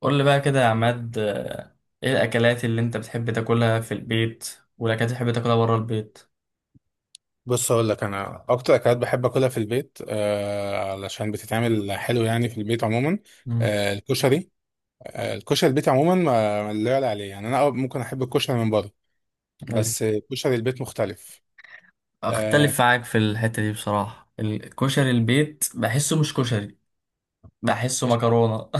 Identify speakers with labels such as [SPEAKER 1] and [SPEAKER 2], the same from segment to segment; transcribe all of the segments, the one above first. [SPEAKER 1] قول لي بقى كده يا عماد، ايه الاكلات اللي انت بتحب تاكلها في البيت والاكلات اللي بتحب تاكلها بره البيت؟
[SPEAKER 2] بص، اقول لك انا اكتر اكلات بحب اكلها في البيت علشان بتتعمل حلو، يعني في البيت عموما.
[SPEAKER 1] مم.
[SPEAKER 2] آه الكشري الكشري البيت عموما، ما لا يعلى عليه. يعني انا ممكن احب الكشري من بره،
[SPEAKER 1] ايوه.
[SPEAKER 2] بس كشري البيت مختلف. آه
[SPEAKER 1] اختلف معاك في الحتة دي بصراحة، الكشري البيت بحسه مش كشري، بحسه
[SPEAKER 2] مش
[SPEAKER 1] مكرونه.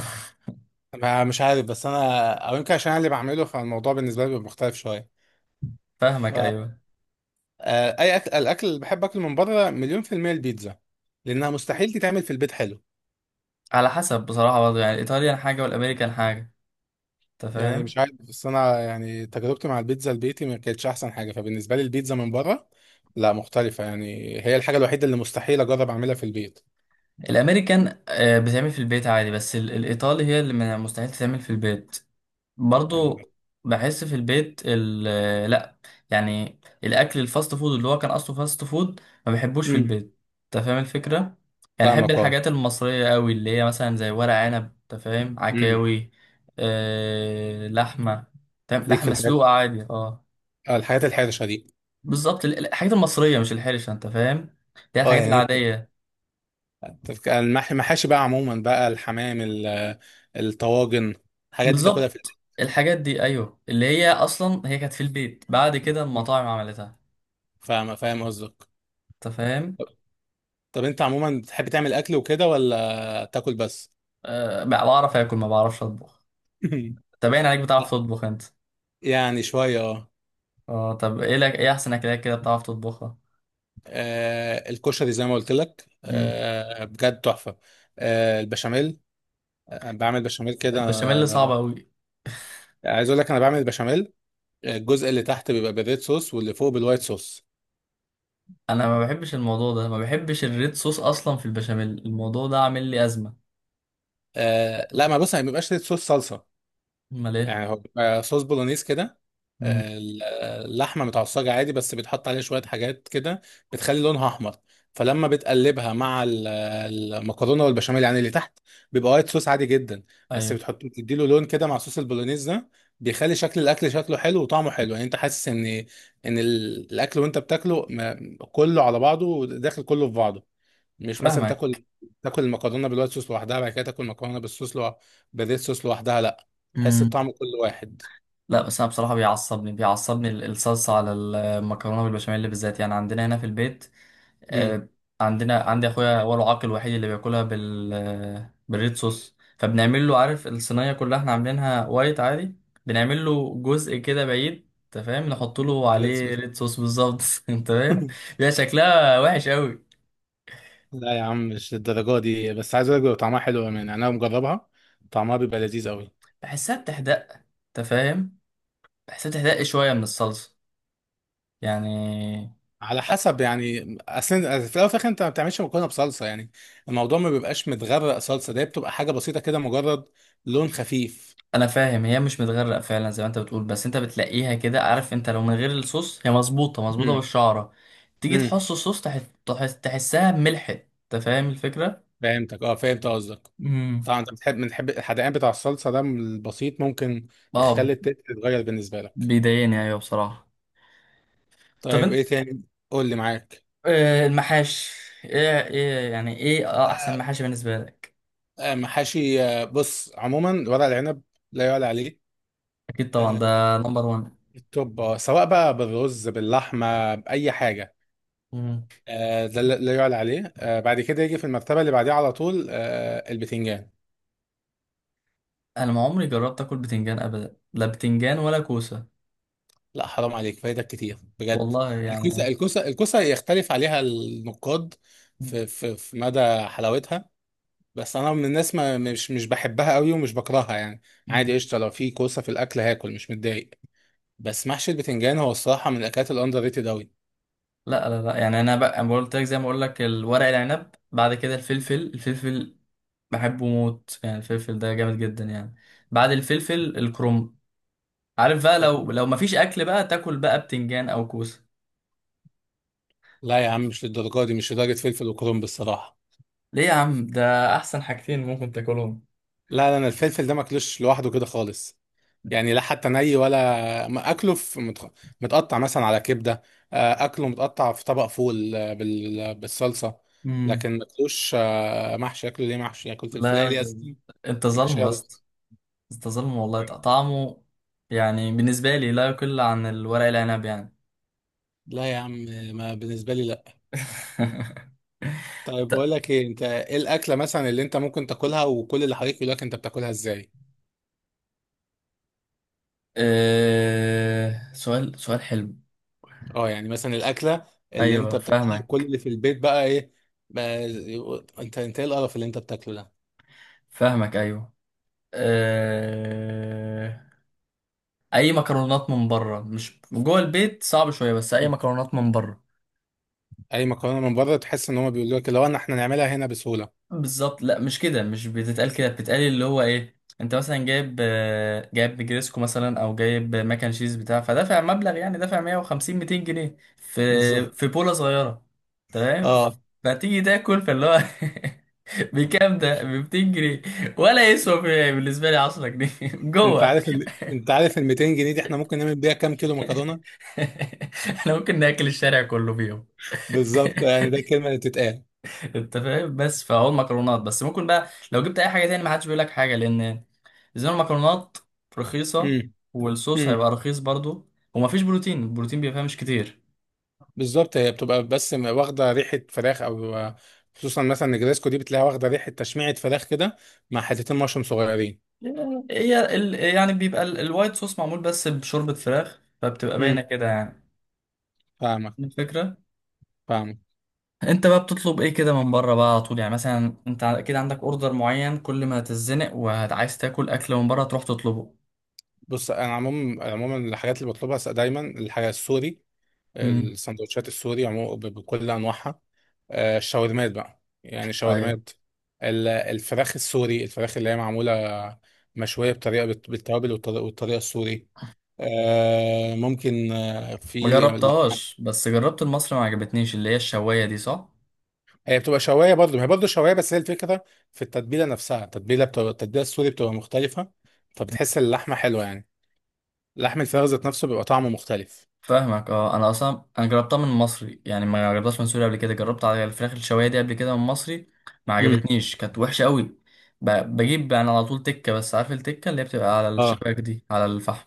[SPEAKER 2] مش عارف، بس انا، او يمكن عشان انا اللي بعمله، فالموضوع بالنسبه لي بيبقى مختلف شويه. ف
[SPEAKER 1] فاهمك، ايوه.
[SPEAKER 2] اي اكل الاكل اللي بحب اكله من بره مليون في الميه البيتزا، لانها مستحيل تتعمل في البيت حلو.
[SPEAKER 1] على حسب بصراحه، برضه يعني الايطاليان حاجه والامريكان حاجه، انت
[SPEAKER 2] يعني مش
[SPEAKER 1] فاهم؟
[SPEAKER 2] عارف، بس انا يعني تجربتي مع البيتزا البيتي ما كانتش احسن حاجه، فبالنسبه لي البيتزا من بره، لا، مختلفه يعني. هي الحاجه الوحيده اللي مستحيل اجرب اعملها في البيت.
[SPEAKER 1] الامريكان بتعمل في البيت عادي، بس الايطالي هي اللي مستحيل تتعمل في البيت برضو. بحس في البيت ال آه، لا. يعني الاكل الفاست فود اللي هو كان اصله فاست فود، ما بحبوش في
[SPEAKER 2] امم.
[SPEAKER 1] البيت. انت فاهم الفكره؟ يعني احب
[SPEAKER 2] فاهمك اه.
[SPEAKER 1] الحاجات المصريه قوي، اللي هي مثلا زي ورق عنب، انت فاهم،
[SPEAKER 2] امم
[SPEAKER 1] عكاوي، آه، لحمه. تمام،
[SPEAKER 2] ليك في
[SPEAKER 1] لحمه
[SPEAKER 2] الحاجات،
[SPEAKER 1] مسلوقه عادي، اه.
[SPEAKER 2] الحاجات الحرشه دي.
[SPEAKER 1] بالظبط، الحاجات المصريه مش الحرشه، انت فاهم، اللي هي
[SPEAKER 2] اه،
[SPEAKER 1] الحاجات
[SPEAKER 2] يعني
[SPEAKER 1] العاديه.
[SPEAKER 2] المحاشي بقى عموما، بقى الحمام الطواجن، الحاجات دي تاكلها في البيت؟
[SPEAKER 1] بالظبط، الحاجات دي ايوه، اللي هي اصلا هي كانت في البيت، بعد كده
[SPEAKER 2] مم.
[SPEAKER 1] المطاعم عملتها،
[SPEAKER 2] فاهم فاهم قصدك.
[SPEAKER 1] انت فاهم.
[SPEAKER 2] طب انت عموما بتحب تعمل اكل وكده ولا تاكل بس؟
[SPEAKER 1] أه، بعرف اكل، ما بعرفش اطبخ. طب باين عليك بتعرف
[SPEAKER 2] لا،
[SPEAKER 1] تطبخ انت.
[SPEAKER 2] يعني شويه اه.
[SPEAKER 1] اه، طب ايه لك، ايه احسن اكلات كده بتعرف تطبخها؟
[SPEAKER 2] الكشري زي ما قلت لك،
[SPEAKER 1] مم.
[SPEAKER 2] بجد تحفة. البشاميل. بعمل بشاميل كده،
[SPEAKER 1] البشاميل صعب قوي.
[SPEAKER 2] عايز اقول لك انا بعمل البشاميل. الجزء اللي تحت بيبقى بالريد صوص، واللي فوق بالوايت صوص.
[SPEAKER 1] انا ما بحبش الموضوع ده، ما بحبش الريد صوص اصلا في البشاميل، الموضوع ده عامل لي ازمه.
[SPEAKER 2] لا، ما بص، ما بيبقاش ريد صوص صلصة.
[SPEAKER 1] امال ايه؟
[SPEAKER 2] يعني هو بيبقى صوص بولونيز كده.
[SPEAKER 1] مم.
[SPEAKER 2] آه، ال- اللحمه متعصجه عادي، بس بيتحط عليها شويه حاجات كده بتخلي لونها احمر. فلما بتقلبها مع المكرونه والبشاميل، يعني اللي تحت بيبقى وايت صوص عادي جدا. بس
[SPEAKER 1] ايوه،
[SPEAKER 2] بتحط، بتديله لون كده مع صوص البولونيز ده، بيخلي شكل الاكل شكله حلو وطعمه حلو. يعني انت حاسس ان ان الاكل وانت بتاكله كله على بعضه، داخل كله في بعضه. مش مثلا تاكل
[SPEAKER 1] فاهمك.
[SPEAKER 2] تاكل المكرونه بالوايت صوص لوحدها، بعد كده تاكل مكرونه بالصوص بالريد صوص لوحدها. لا، تحس
[SPEAKER 1] امم.
[SPEAKER 2] الطعم كل واحد.
[SPEAKER 1] لا بس انا بصراحه، بيعصبني الصلصه على المكرونه بالبشاميل بالذات، يعني عندنا هنا في البيت،
[SPEAKER 2] امم
[SPEAKER 1] آه، عندنا، عندي اخويا هو العاق الوحيد اللي بياكلها بالريد صوص، فبنعمل له، عارف، الصينيه كلها احنا عاملينها وايت عادي. بنعمل له جزء كده بعيد، انت فاهم، نحط له
[SPEAKER 2] بالريد
[SPEAKER 1] عليه
[SPEAKER 2] صوص.
[SPEAKER 1] ريد صوص بالظبط. انت فاهم؟ بيبقى شكلها وحش قوي.
[SPEAKER 2] لا يا عم، مش للدرجه دي. بس عايز اقول لك بيبقى طعمها حلو، يعني انا مجربها. طعمها بيبقى لذيذ قوي.
[SPEAKER 1] بحسها بتحدق، انت فاهم. بحسها بتحدق شويه من الصلصه يعني.
[SPEAKER 2] على حسب يعني، اصل في الاول وفي الاخر انت ما بتعملش مكرونه بصلصه. يعني الموضوع ما بيبقاش متغرق صلصه، ده بتبقى حاجه بسيطه كده، مجرد لون خفيف.
[SPEAKER 1] انا فاهم هي مش متغرق فعلا زي ما انت بتقول، بس انت بتلاقيها كده، عارف، انت لو من غير الصوص هي مظبوطه مظبوطه
[SPEAKER 2] امم،
[SPEAKER 1] بالشعره. تيجي
[SPEAKER 2] امم،
[SPEAKER 1] تحص الصوص، تحسها ملحت، انت فاهم الفكره؟
[SPEAKER 2] فهمتك اه، فهمت قصدك.
[SPEAKER 1] امم.
[SPEAKER 2] طبعا، انت بنحب الحدقان بتاع الصلصه ده، من البسيط ممكن
[SPEAKER 1] اه،
[SPEAKER 2] يخلي التيست يتغير بالنسبه لك.
[SPEAKER 1] بيضايقني، ايوه، بصراحه. طب
[SPEAKER 2] طيب،
[SPEAKER 1] انت،
[SPEAKER 2] ايه تاني؟ قول لي معاك.
[SPEAKER 1] المحاش، ايه ايه يعني، ايه اه احسن
[SPEAKER 2] آه،
[SPEAKER 1] محاشي بالنسبه لك؟
[SPEAKER 2] محاشي، بص، عموما ورق العنب لا يعلى عليه.
[SPEAKER 1] اكيد طبعا،
[SPEAKER 2] آه،
[SPEAKER 1] ده نمبر 1.
[SPEAKER 2] التوب، سواء بقى بالرز باللحمه باي حاجه، ده لا يعلى عليه. بعد كده يجي في المرتبه اللي بعديها على طول، البتنجان.
[SPEAKER 1] انا ما عمري جربت اكل بتنجان ابدا، لا بتنجان ولا كوسه.
[SPEAKER 2] لا حرام عليك، فايدك كتير بجد.
[SPEAKER 1] والله يعني.
[SPEAKER 2] الكوسه يختلف عليها النقاد في مدى حلاوتها. بس انا من الناس، ما مش مش بحبها قوي ومش بكرهها يعني.
[SPEAKER 1] مم.
[SPEAKER 2] عادي، قشطه، لو في كوسه في الاكل هاكل مش متضايق. بس محشي البتنجان هو الصراحه من الاكلات الاندر ريتد قوي.
[SPEAKER 1] لا، لا، لا، يعني انا بقى، أنا قلت لك زي ما اقول لك، الورق العنب، بعد كده الفلفل، الفلفل بحبه موت، يعني الفلفل ده جامد جدا يعني. بعد الفلفل الكرنب، عارف بقى.
[SPEAKER 2] لا،
[SPEAKER 1] لو مفيش اكل بقى، تاكل بقى بتنجان او كوسه؟
[SPEAKER 2] لا يا عم، مش للدرجه دي، مش لدرجه فلفل وكرنب الصراحه.
[SPEAKER 1] ليه يا عم؟ ده احسن حاجتين ممكن تاكلهم.
[SPEAKER 2] لا، لا، انا الفلفل ده ماكلوش لوحده كده خالص. يعني لا، حتى ني، ولا ما اكله في متقطع مثلا على كبده. اكله متقطع في طبق فول، بالصلصه.
[SPEAKER 1] امم.
[SPEAKER 2] لكن ماكلوش محشي. اكله ليه محشي؟ اكل
[SPEAKER 1] لا يا
[SPEAKER 2] فلفلايه ليه
[SPEAKER 1] راجل،
[SPEAKER 2] أساساً؟
[SPEAKER 1] انت ظالم
[SPEAKER 2] محشيه
[SPEAKER 1] يا اسطى.
[SPEAKER 2] رز.
[SPEAKER 1] انت ظالم والله، طعمه يعني بالنسبه لي لا يقل عن الورق العنب يعني.
[SPEAKER 2] لا يا عم، ما بالنسبه لي. طيب، بقول
[SPEAKER 1] ط-
[SPEAKER 2] لك ايه، انت ايه الاكله مثلا اللي انت ممكن تاكلها وكل اللي حواليك يقول لك انت بتاكلها ازاي؟
[SPEAKER 1] سؤال سؤال حلو.
[SPEAKER 2] اه يعني، مثلا الاكله اللي انت
[SPEAKER 1] ايوه،
[SPEAKER 2] بتاكلها وكل
[SPEAKER 1] فاهمك.
[SPEAKER 2] اللي في البيت بقى ايه؟ بقى انت ايه القرف اللي انت بتاكله ده؟
[SPEAKER 1] فاهمك ايوه. أه... اي مكرونات من بره، مش جوه البيت صعب شويه، بس اي
[SPEAKER 2] مم.
[SPEAKER 1] مكرونات من بره.
[SPEAKER 2] اي مكرونه من بره تحس ان هم بيقولوا لك، لو احنا نعملها هنا بسهوله.
[SPEAKER 1] بالظبط، لا مش كده، مش بتتقال كده. بتتقال اللي هو، ايه، انت مثلا جايب، جايب جريسكو مثلا، او جايب ماك اند تشيز بتاع، فدافع مبلغ يعني، دافع 150 200 جنيه في
[SPEAKER 2] بالظبط
[SPEAKER 1] في بوله صغيره. تمام.
[SPEAKER 2] اه.
[SPEAKER 1] فتيجي تاكل، فاللي هو بكام ده؟ ب 200 جنيه، ولا يسوى، بالنسبه لي 10 جنيه.
[SPEAKER 2] انت
[SPEAKER 1] جوه.
[SPEAKER 2] انت عارف ال 200 جنيه دي، احنا ممكن نعمل بيها كام كيلو مكرونه؟
[SPEAKER 1] احنا ممكن ناكل الشارع كله فيهم.
[SPEAKER 2] بالظبط، يعني ده الكلمه اللي بتتقال.
[SPEAKER 1] انت فاهم، بس فهو المكرونات بس. ممكن بقى لو جبت اي حاجه تاني ما حدش بيقول لك حاجه، لان زي ما المكرونات رخيصه والصوص
[SPEAKER 2] امم
[SPEAKER 1] هيبقى رخيص برضو، ومفيش بروتين، البروتين بيبقى فيها مش كتير.
[SPEAKER 2] بالظبط، هي بتبقى بس، واخده ريحه فراخ، او خصوصا مثلا نجريسكو دي بتلاقيها واخده ريحه تشميعه فراخ كده، مع حتتين مشروم صغيرين.
[SPEAKER 1] هي ال... يعني بيبقى ال... الوايت صوص معمول بس بشوربه فراخ، فبتبقى
[SPEAKER 2] امم،
[SPEAKER 1] باينه كده، يعني
[SPEAKER 2] فاهمك،
[SPEAKER 1] الفكره.
[SPEAKER 2] فاهمك.
[SPEAKER 1] انت بقى بتطلب ايه كده من بره بقى على طول، يعني مثلا؟ انت اكيد عندك اوردر معين كل ما هتتزنق وعايز تاكل اكل من بره تروح تطلبه.
[SPEAKER 2] بص، انا عموما عموما، الحاجات اللي بطلبها دايما الحاجه السوري.
[SPEAKER 1] امم.
[SPEAKER 2] السندوتشات السوري عموما، بكل انواعها. الشاورمات بقى، يعني
[SPEAKER 1] ايوه.
[SPEAKER 2] الشاورمات. الفراخ السوري، الفراخ اللي هي معموله مشويه بالتوابل والطريقه السوري. ممكن
[SPEAKER 1] ما
[SPEAKER 2] في.
[SPEAKER 1] جربتهاش، بس جربت المصري ما عجبتنيش، اللي هي الشوايه دي، صح؟
[SPEAKER 2] هي بتبقى شوايه برضه، ما هي برضه شوايه، بس هي الفكره في التتبيله نفسها. التتبيله بتبقى التتبيله السوري، بتبقى مختلفه. فبتحس اللحمه حلوه يعني. لحم الفراخ ذات نفسه بيبقى طعمه مختلف.
[SPEAKER 1] فاهمك، اه. انا اصلا انا جربتها من مصري، يعني ما جربتهاش من سوريا قبل كده، جربت على الفراخ الشوايه دي قبل كده من مصري، ما
[SPEAKER 2] امم،
[SPEAKER 1] عجبتنيش، كانت وحشه قوي. بجيب يعني على طول تكه، بس عارف التكه اللي هي بتبقى على
[SPEAKER 2] اه،
[SPEAKER 1] الشباك دي، على الفحم.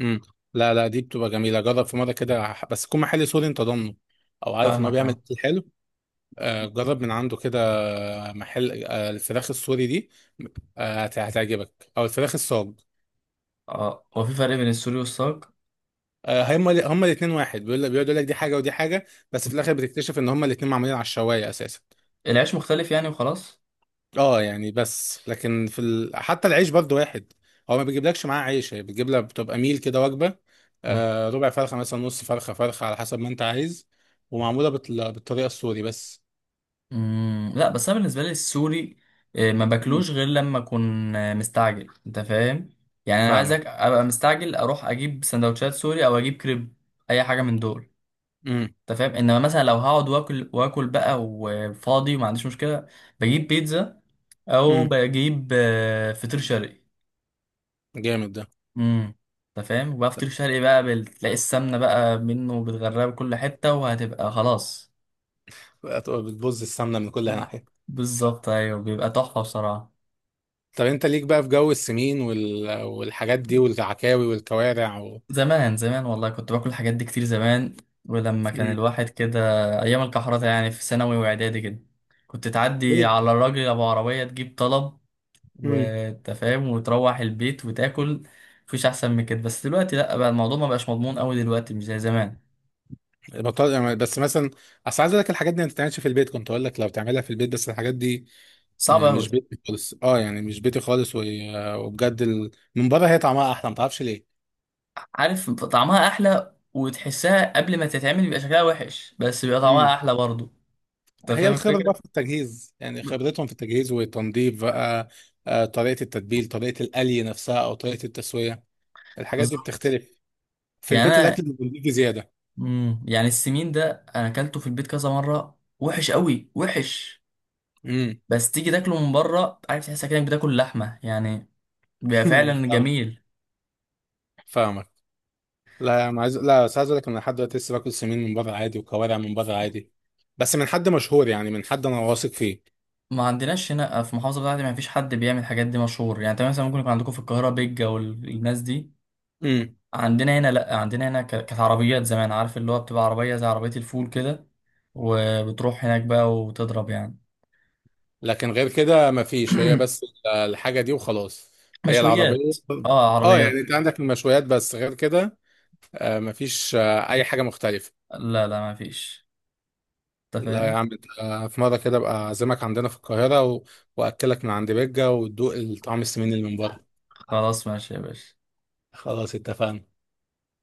[SPEAKER 2] امم. لا، لا، دي بتبقى جميله، جرب في مره كده بس تكون محل سوري انت ضامنه. او عارف ان هو
[SPEAKER 1] فاهمك
[SPEAKER 2] بيعمل
[SPEAKER 1] اه.
[SPEAKER 2] اكل حلو. جرب من عنده كده، محل الفراخ السوري دي. هتعجبك، او الفراخ الصاج.
[SPEAKER 1] اه، هو في فرق بين السوري والصاج؟
[SPEAKER 2] هم الاثنين واحد، بيقول لك بيقعد يقول لك دي حاجه ودي حاجه. بس في الاخر بتكتشف ان هم الاثنين معمولين على الشوايه اساسا.
[SPEAKER 1] العيش مختلف يعني وخلاص.
[SPEAKER 2] اه يعني، بس لكن حتى العيش برضو واحد. هو ما بيجيبلكش معاه عيش، هي بتجيب لك، بتبقى ميل كده، وجبه. ربع فرخه، مثلا، نص فرخه، فرخه، على حسب ما انت عايز. ومعموله بالطريقه السوري بس.
[SPEAKER 1] مم، لا بس انا بالنسبه لي السوري، ما
[SPEAKER 2] مم.
[SPEAKER 1] باكلوش غير لما اكون مستعجل، انت فاهم. يعني انا
[SPEAKER 2] فاهمك.
[SPEAKER 1] عايزك ابقى مستعجل، اروح اجيب سندوتشات سوري، او اجيب كريب، اي حاجه من دول.
[SPEAKER 2] امم
[SPEAKER 1] انت فاهم. انما مثلا لو هقعد واكل واكل بقى وفاضي وما عنديش مشكله، بجيب بيتزا، او
[SPEAKER 2] امم
[SPEAKER 1] بجيب فطير شرقي.
[SPEAKER 2] جامد ده.
[SPEAKER 1] امم. انت فاهم. وبقى فطير شرقي بقى تلاقي السمنه بقى منه، بتغرقها بكل حته، وهتبقى خلاص.
[SPEAKER 2] هتبقى بتبوظ السمنه من كل ناحيه.
[SPEAKER 1] بالظبط، ايوه، بيبقى تحفه بصراحه.
[SPEAKER 2] طب، انت ليك بقى في جو السمين والحاجات دي والعكاوي والكوارع و...
[SPEAKER 1] زمان زمان والله كنت باكل الحاجات دي كتير زمان. ولما كان
[SPEAKER 2] امم
[SPEAKER 1] الواحد كده، ايام الكحرطة، يعني في ثانوي واعدادي كده، كنت تعدي على الراجل ابو عربية، تجيب طلب،
[SPEAKER 2] ليه؟
[SPEAKER 1] وانت فاهم، وتروح البيت وتاكل. مفيش احسن من كده. بس دلوقتي لا، بقى الموضوع ما بقاش مضمون قوي دلوقتي، مش زي زمان.
[SPEAKER 2] بطل يعني. بس مثلا، اصل عايز اقول لك الحاجات دي ما بتتعملش في البيت، كنت اقول لك لو تعملها في البيت، بس الحاجات دي
[SPEAKER 1] صعب قوي.
[SPEAKER 2] مش بيتي خالص، اه يعني مش بيتي خالص، وبجد من بره هي طعمها احلى، ما تعرفش ليه.
[SPEAKER 1] عارف طعمها احلى، وتحسها قبل ما تتعمل بيبقى شكلها وحش، بس بيبقى طعمها
[SPEAKER 2] امم
[SPEAKER 1] احلى برضه، انت
[SPEAKER 2] هي
[SPEAKER 1] فاهم
[SPEAKER 2] الخبره بقى
[SPEAKER 1] الفكرة.
[SPEAKER 2] في التجهيز، يعني
[SPEAKER 1] ب-
[SPEAKER 2] خبرتهم في التجهيز والتنظيف بقى. طريقه التتبيل، طريقه القلي نفسها، او طريقه التسويه، الحاجات دي
[SPEAKER 1] بالظبط.
[SPEAKER 2] بتختلف. في
[SPEAKER 1] يعني
[SPEAKER 2] البيت
[SPEAKER 1] انا،
[SPEAKER 2] الاكل بيجي زياده.
[SPEAKER 1] امم، يعني السمين ده انا اكلته في البيت كذا مره، وحش قوي وحش.
[SPEAKER 2] امم.
[SPEAKER 1] بس تيجي تاكله من بره، عارف، تحس كأنك بتاكل لحمه يعني، بيبقى فعلا جميل.
[SPEAKER 2] فاهمك. لا يا عم، عايز لا بس عايز اقول لك إن انا لحد دلوقتي لسه باكل سمين من بره عادي، وكوارع من بره عادي. بس من حد مشهور، يعني من حد انا واثق فيه.
[SPEAKER 1] ما عندناش هنا في المحافظه بتاعتي، ما فيش حد بيعمل الحاجات دي مشهور، يعني انت مثلا ممكن يكون عندكم في القاهره بيجا والناس دي،
[SPEAKER 2] امم
[SPEAKER 1] عندنا هنا لا. عندنا هنا كانت عربيات زمان، عارف، اللي هو بتبقى عربيه زي عربيه الفول كده، وبتروح هناك بقى وتضرب يعني.
[SPEAKER 2] لكن غير كده ما فيش، هي بس الحاجه دي وخلاص. هي
[SPEAKER 1] مشويات.
[SPEAKER 2] العربيه.
[SPEAKER 1] اه،
[SPEAKER 2] اه يعني،
[SPEAKER 1] عربيات.
[SPEAKER 2] انت عندك المشويات بس غير كده. ما فيش اي حاجه مختلفه.
[SPEAKER 1] لا لا ما فيش، انت
[SPEAKER 2] لا يا
[SPEAKER 1] فاهم.
[SPEAKER 2] عم، انت في مره كده ابقى اعزمك عندنا في القاهره و... واكلك من عند بيجا وتدوق الطعم السمين اللي من بره.
[SPEAKER 1] خلاص ماشي يا باشا.
[SPEAKER 2] خلاص اتفقنا.